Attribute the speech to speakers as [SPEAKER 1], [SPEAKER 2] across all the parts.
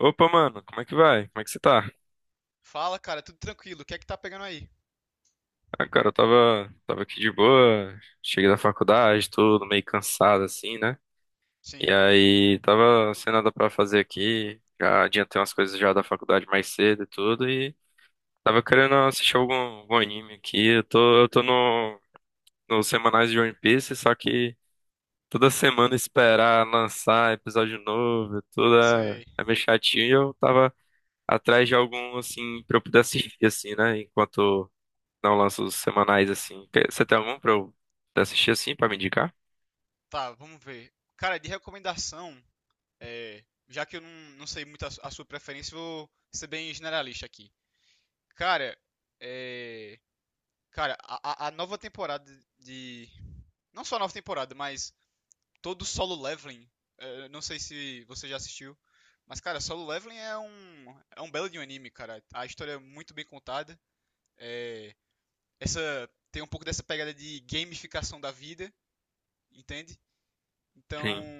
[SPEAKER 1] Opa, mano, como é que vai? Como é que você tá?
[SPEAKER 2] Fala, cara, tudo tranquilo. O que é que tá pegando aí?
[SPEAKER 1] Ah, cara, eu tava aqui de boa, cheguei da faculdade, tudo meio cansado assim, né? E
[SPEAKER 2] Sim,
[SPEAKER 1] aí, tava sem nada pra fazer aqui, já adiantei umas coisas já da faculdade mais cedo e tudo, e tava querendo assistir algum anime aqui. Eu tô no, nos semanais de One Piece, só que toda semana esperar lançar episódio novo, e tudo é,
[SPEAKER 2] sei.
[SPEAKER 1] é meio chatinho, e eu tava atrás de algum, assim, pra eu poder assistir, assim, né? Enquanto não lança os semanais assim. Você tem algum pra eu assistir assim, pra me indicar?
[SPEAKER 2] Tá, vamos ver. Cara, de recomendação, já que eu não, não sei muito a sua preferência, vou ser bem generalista aqui. Cara, é, cara, a nova temporada de. Não só a nova temporada, mas todo o Solo Leveling. Não sei se você já assistiu. Mas, cara, Solo Leveling é um belo de um anime, cara. A história é muito bem contada. é, Essa, tem um pouco dessa pegada de gamificação da vida. Entende? Então,
[SPEAKER 1] Sim.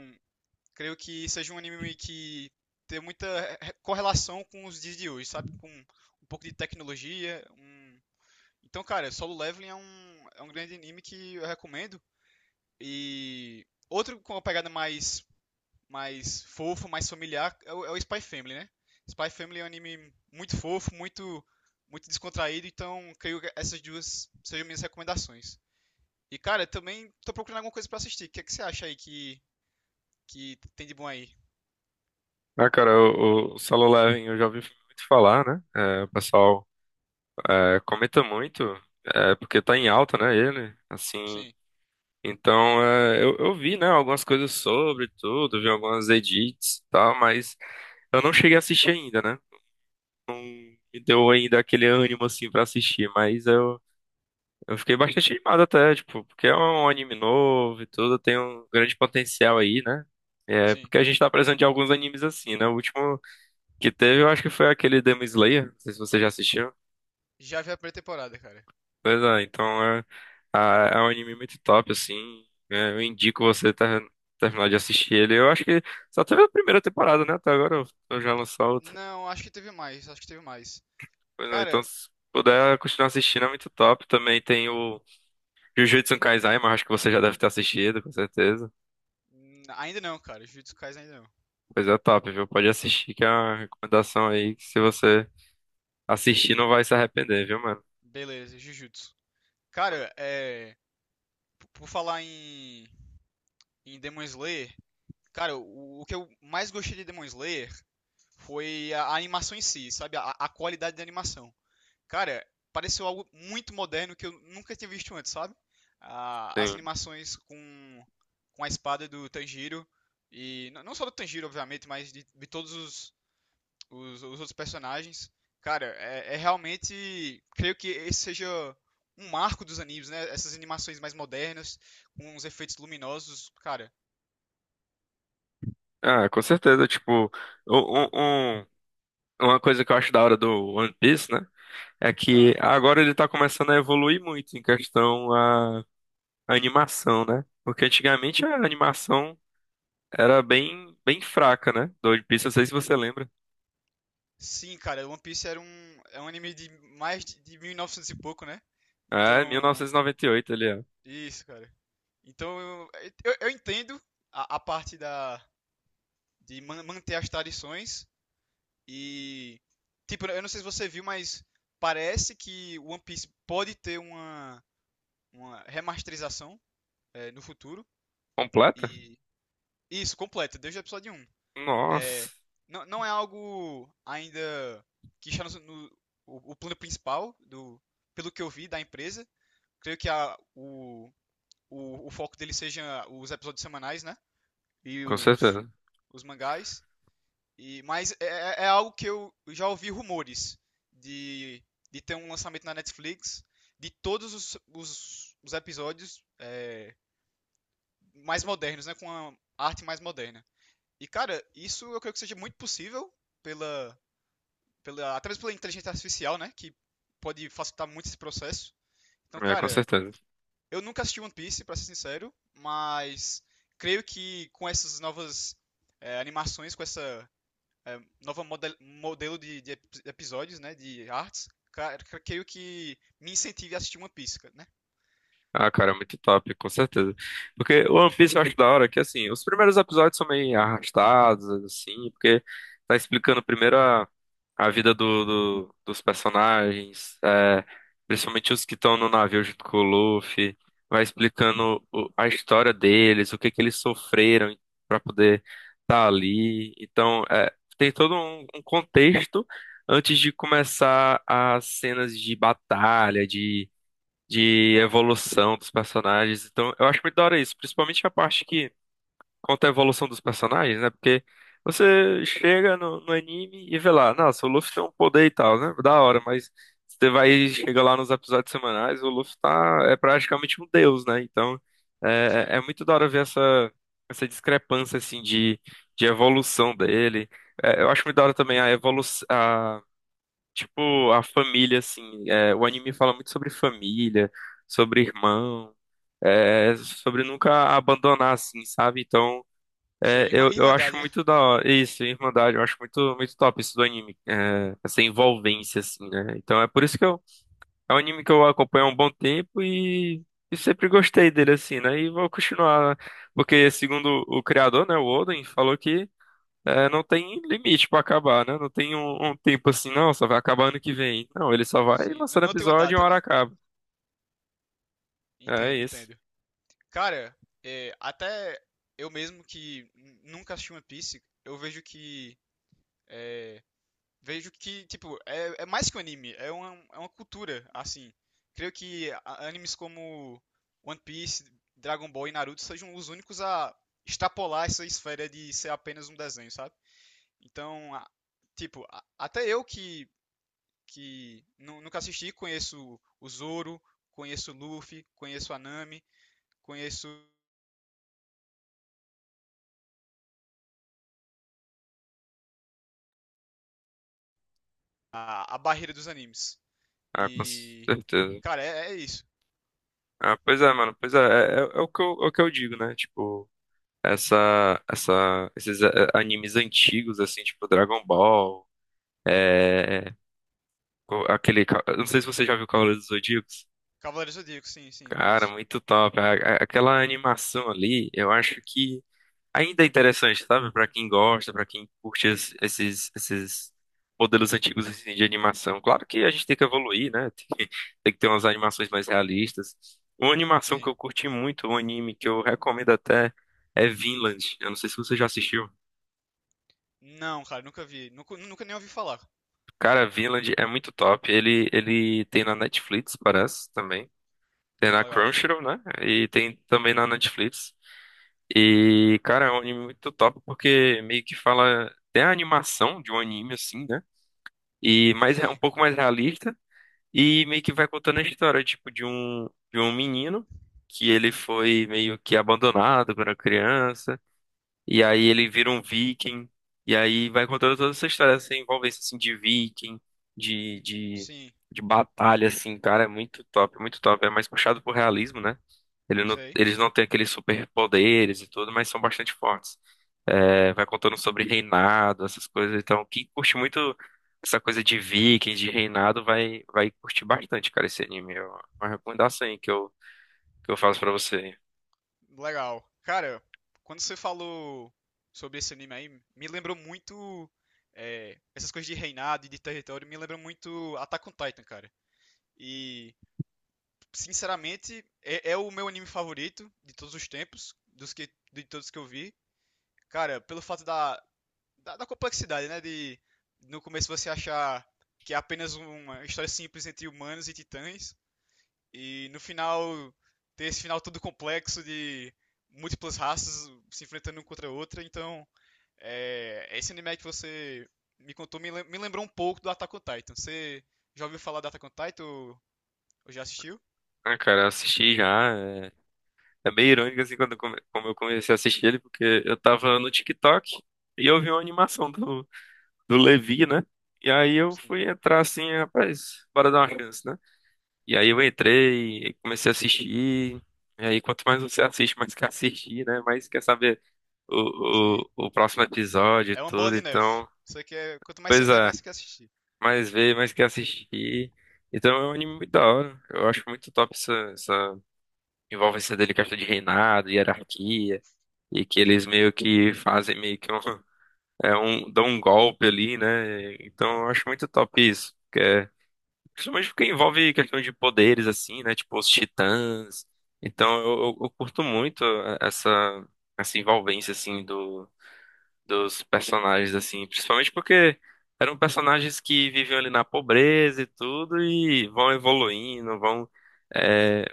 [SPEAKER 2] creio que seja um anime que tem muita correlação com os dias de hoje, sabe? Com um pouco de tecnologia. Então, cara, Solo Leveling é um grande anime que eu recomendo. E outro com uma pegada mais fofa, mais familiar, é é o Spy Family, né? Spy Family é um anime muito fofo, muito descontraído, então creio que essas duas sejam minhas recomendações. E cara, também tô procurando alguma coisa para assistir. É que você acha aí que tem de bom aí.
[SPEAKER 1] Ah, cara, o Solo Leveling eu já ouvi muito falar, né? É, o pessoal comenta muito, porque tá em alta, né, ele, assim.
[SPEAKER 2] Sim,
[SPEAKER 1] Então, eu vi, né, algumas coisas sobre tudo, vi algumas edits e tal, mas eu não cheguei a assistir ainda, né? Me deu ainda aquele ânimo, assim, pra assistir, mas eu fiquei bastante animado até, tipo, porque é um anime novo e tudo, tem um grande potencial aí, né? É,
[SPEAKER 2] sim.
[SPEAKER 1] porque a gente tá precisando de alguns animes assim, né? O último que teve, eu acho que foi aquele Demon Slayer, não sei se você já assistiu.
[SPEAKER 2] Já vi a primeira temporada, cara.
[SPEAKER 1] Pois é, então é um anime muito top, assim. É, eu indico você terminar de assistir ele. Eu acho que só teve a primeira temporada, né? Até agora eu já lançou outra.
[SPEAKER 2] Não, acho que teve mais, acho que teve mais.
[SPEAKER 1] Pois é, então
[SPEAKER 2] Cara,
[SPEAKER 1] se puder continuar assistindo é muito top. Também tem o Jujutsu Kaisen, mas acho que você já deve ter assistido, com certeza.
[SPEAKER 2] ainda não, cara. Jujutsu Kaisen ainda não.
[SPEAKER 1] Coisa top, viu? Pode assistir, que é uma recomendação aí que se você assistir não vai se arrepender, viu, mano?
[SPEAKER 2] Beleza, Jujutsu. Cara, é. Por falar em Demon Slayer, cara, o que eu mais gostei de Demon Slayer foi a animação em si, sabe? A qualidade da animação. Cara, pareceu algo muito moderno que eu nunca tinha visto antes, sabe? Ah, as
[SPEAKER 1] Sim.
[SPEAKER 2] animações com a espada do Tanjiro, e não só do Tanjiro, obviamente, mas de todos os outros personagens. Cara, é realmente. Creio que esse seja um marco dos animes, né? Essas animações mais modernas, com os efeitos luminosos, cara.
[SPEAKER 1] Ah, com certeza. Tipo, um, um- um- uma coisa que eu acho da hora do One Piece, né? É
[SPEAKER 2] Hã?
[SPEAKER 1] que agora ele tá começando a evoluir muito em questão a, animação, né? Porque antigamente a animação era bem, bem fraca, né? Do One Piece, não sei se você lembra.
[SPEAKER 2] Sim, cara, One Piece é um anime de mais de 1900 e pouco, né?
[SPEAKER 1] É, mil
[SPEAKER 2] Então,
[SPEAKER 1] novecentos e noventa e oito ele é.
[SPEAKER 2] isso, cara. Então eu, eu entendo a parte da, de manter as tradições e tipo, eu não sei se você viu, mas parece que One Piece pode ter uma remasterização no futuro
[SPEAKER 1] Completa?
[SPEAKER 2] e isso completa desde o episódio um.
[SPEAKER 1] Nossa,
[SPEAKER 2] É, não é algo ainda que está o plano principal do pelo que eu vi da empresa. Creio que o foco dele seja os episódios semanais, né? E
[SPEAKER 1] com certeza.
[SPEAKER 2] os mangás. E, mas é algo que eu já ouvi rumores de, de ter um lançamento na Netflix de todos os episódios mais modernos, né? Com a arte mais moderna. E, cara, isso eu creio que seja muito possível pela. pela, até mesmo pela inteligência artificial, né? Que pode facilitar muito esse processo. Então,
[SPEAKER 1] É, com
[SPEAKER 2] cara,
[SPEAKER 1] certeza.
[SPEAKER 2] eu nunca assisti One Piece, pra ser sincero, mas creio que com essas novas animações, com essa nova modelo de episódios, né? De artes, cara, creio que me incentive a assistir uma Piece, né?
[SPEAKER 1] Ah, cara, é muito top, com certeza. Porque o One Piece eu acho da hora que, assim, os primeiros episódios são meio arrastados, assim, porque tá explicando primeiro a vida dos personagens, principalmente os que estão no navio junto com o Luffy, vai explicando a história deles, o que que eles sofreram pra poder estar tá ali. Então, tem todo um contexto antes de começar as cenas de batalha, de
[SPEAKER 2] Aham,
[SPEAKER 1] evolução dos personagens. Então, eu acho muito da hora isso, principalmente a parte que conta a evolução dos personagens, né? Porque você chega no anime e vê lá, nossa, o Luffy tem um poder e tal, né? Da hora, mas você vai chega lá nos episódios semanais, o Luffy tá é praticamente um deus, né? Então,
[SPEAKER 2] isso
[SPEAKER 1] é, é
[SPEAKER 2] aí.
[SPEAKER 1] é muito da hora ver essa discrepância assim de evolução dele. É, eu acho muito da hora também a evolução. Tipo, a família, assim, o anime fala muito sobre família, sobre irmão, sobre nunca abandonar, assim, sabe? Então,
[SPEAKER 2] Isso aí,
[SPEAKER 1] eu acho
[SPEAKER 2] Irmandade, né?
[SPEAKER 1] muito da hora, isso, Irmandade, eu acho muito, muito top isso do anime, essa envolvência, assim, né? Então, é por isso que eu, é um anime que eu acompanho há um bom tempo e sempre gostei dele, assim, né? E vou continuar, porque segundo o criador, né, o Oden, falou que não tem limite pra acabar, né? Não tem um tempo assim, não, só vai acabar ano que vem. Não, ele só vai
[SPEAKER 2] Sim,
[SPEAKER 1] lançando
[SPEAKER 2] não tem uma
[SPEAKER 1] episódio e
[SPEAKER 2] data,
[SPEAKER 1] uma hora
[SPEAKER 2] né?
[SPEAKER 1] acaba. É
[SPEAKER 2] Entendo,
[SPEAKER 1] isso.
[SPEAKER 2] entendo. Cara, é, até eu mesmo que nunca assisti One Piece, eu vejo que é, vejo que, tipo, é mais que um anime, é é uma cultura, assim. Creio que animes como One Piece, Dragon Ball e Naruto sejam os únicos a extrapolar essa esfera de ser apenas um desenho, sabe? Então, tipo, até eu que nunca assisti, conheço o Zoro, conheço o Luffy, conheço a Nami, conheço a barreira dos animes.
[SPEAKER 1] Ah, com
[SPEAKER 2] E,
[SPEAKER 1] certeza.
[SPEAKER 2] cara, é isso.
[SPEAKER 1] Ah, pois é, mano. Pois é, o que eu, é o que eu digo, né? Tipo, esses animes antigos, assim, tipo Dragon Ball, é, aquele, eu não sei se você já viu Cavaleiros do Zodíaco.
[SPEAKER 2] Cavaleiros do Zodíaco, sim, sim,
[SPEAKER 1] Cara,
[SPEAKER 2] conheço.
[SPEAKER 1] muito top. Aquela animação ali, eu acho que ainda é interessante, sabe? Pra quem gosta, pra quem curte esses modelos antigos assim, de animação. Claro que a gente tem que evoluir, né? Tem que ter umas animações mais realistas. Uma animação que
[SPEAKER 2] Sim.
[SPEAKER 1] eu curti muito, um anime que eu recomendo até, é Vinland. Eu não sei se você já assistiu.
[SPEAKER 2] Não, cara, nunca vi. Nunca, nunca nem ouvi falar.
[SPEAKER 1] Cara, Vinland é muito top. Ele tem na Netflix, parece, também. Tem na
[SPEAKER 2] Legal.
[SPEAKER 1] Crunchyroll, né? E tem também na Netflix. E, cara, é um anime muito top porque meio que fala. Tem a animação de um anime, assim, né? E mais é um
[SPEAKER 2] Sim,
[SPEAKER 1] pouco mais realista e meio que vai contando a história tipo de um menino que ele foi meio que abandonado quando era criança e aí ele vira um viking. E aí vai contando toda essa história, essa envolvência assim, de viking, de, de,
[SPEAKER 2] sim,
[SPEAKER 1] de batalha, assim, cara. É muito top, muito top. É mais puxado pro realismo, né? Ele não-
[SPEAKER 2] sei.
[SPEAKER 1] eles não têm aqueles superpoderes e tudo, mas são bastante fortes. É, vai contando sobre reinado, essas coisas. Então, quem curte muito essa coisa de vikings, de reinado, vai curtir bastante, cara, esse anime. É uma recomendação aí que eu faço pra você.
[SPEAKER 2] Legal. Cara, quando você falou sobre esse anime aí, me lembrou muito. Essas coisas de reinado e de território, me lembram muito Attack on Titan, cara. E, sinceramente, é o meu anime favorito de todos os tempos, de todos que eu vi. Cara, pelo fato da complexidade, né? De no começo você achar que é apenas uma história simples entre humanos e titãs. E no final, ter esse final todo complexo de múltiplas raças se enfrentando uma contra a outra. Então, é, esse anime que você me me lembrou um pouco do Attack on Titan. Você já ouviu falar do Attack on Titan ou já assistiu?
[SPEAKER 1] Ah, cara, eu assisti já. É meio irônico assim quando como eu comecei a assistir ele, porque eu tava no TikTok e eu vi uma animação do Levi, né? E aí eu
[SPEAKER 2] Sim,
[SPEAKER 1] fui entrar assim, rapaz, bora dar uma chance, né? E aí eu entrei e comecei a assistir. E aí quanto mais você assiste, mais quer assistir, né? Mais quer saber o,
[SPEAKER 2] sim.
[SPEAKER 1] o, o próximo episódio e
[SPEAKER 2] É uma bola
[SPEAKER 1] tudo.
[SPEAKER 2] de neve.
[SPEAKER 1] Então,
[SPEAKER 2] Você quer, quanto mais você
[SPEAKER 1] pois
[SPEAKER 2] vê,
[SPEAKER 1] é,
[SPEAKER 2] mais você quer assistir.
[SPEAKER 1] mais vê, mais quer assistir. Então é um anime muito da hora. Eu acho muito top essa envolvência dele, questão de reinado, hierarquia. E que eles
[SPEAKER 2] Sim,
[SPEAKER 1] meio que fazem meio que um, dão um golpe ali, né? Então eu acho muito top isso, que é, principalmente porque envolve questão de poderes assim, né? Tipo os titãs. Então eu curto muito essa essa envolvência assim do dos personagens assim, principalmente porque eram personagens que viviam ali na pobreza e tudo e vão evoluindo, vão é,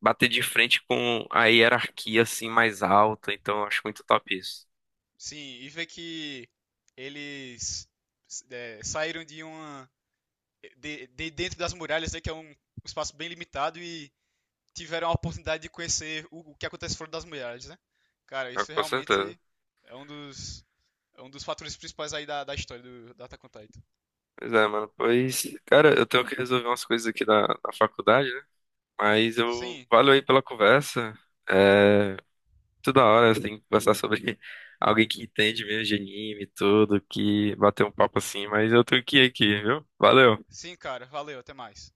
[SPEAKER 1] bater de frente com a hierarquia assim mais alta. Então eu acho muito top isso.
[SPEAKER 2] sim. E ver que eles saíram de uma de dentro das muralhas, né, que é um espaço bem limitado e tiveram a oportunidade de conhecer o que acontece fora das mulheres, né? Cara,
[SPEAKER 1] Ah,
[SPEAKER 2] isso
[SPEAKER 1] com certeza.
[SPEAKER 2] realmente é um é um dos fatores principais aí da história da Attack on Titan.
[SPEAKER 1] Pois é, mano. Pois, cara, eu tenho que resolver umas coisas aqui na faculdade, né? Mas eu
[SPEAKER 2] Sim,
[SPEAKER 1] valeu aí pela conversa. É, toda hora você tem que conversar sobre alguém que entende mesmo de anime e tudo, que bater um papo assim, mas eu tenho que ir aqui, viu? Valeu.
[SPEAKER 2] sim, cara. Valeu, até mais.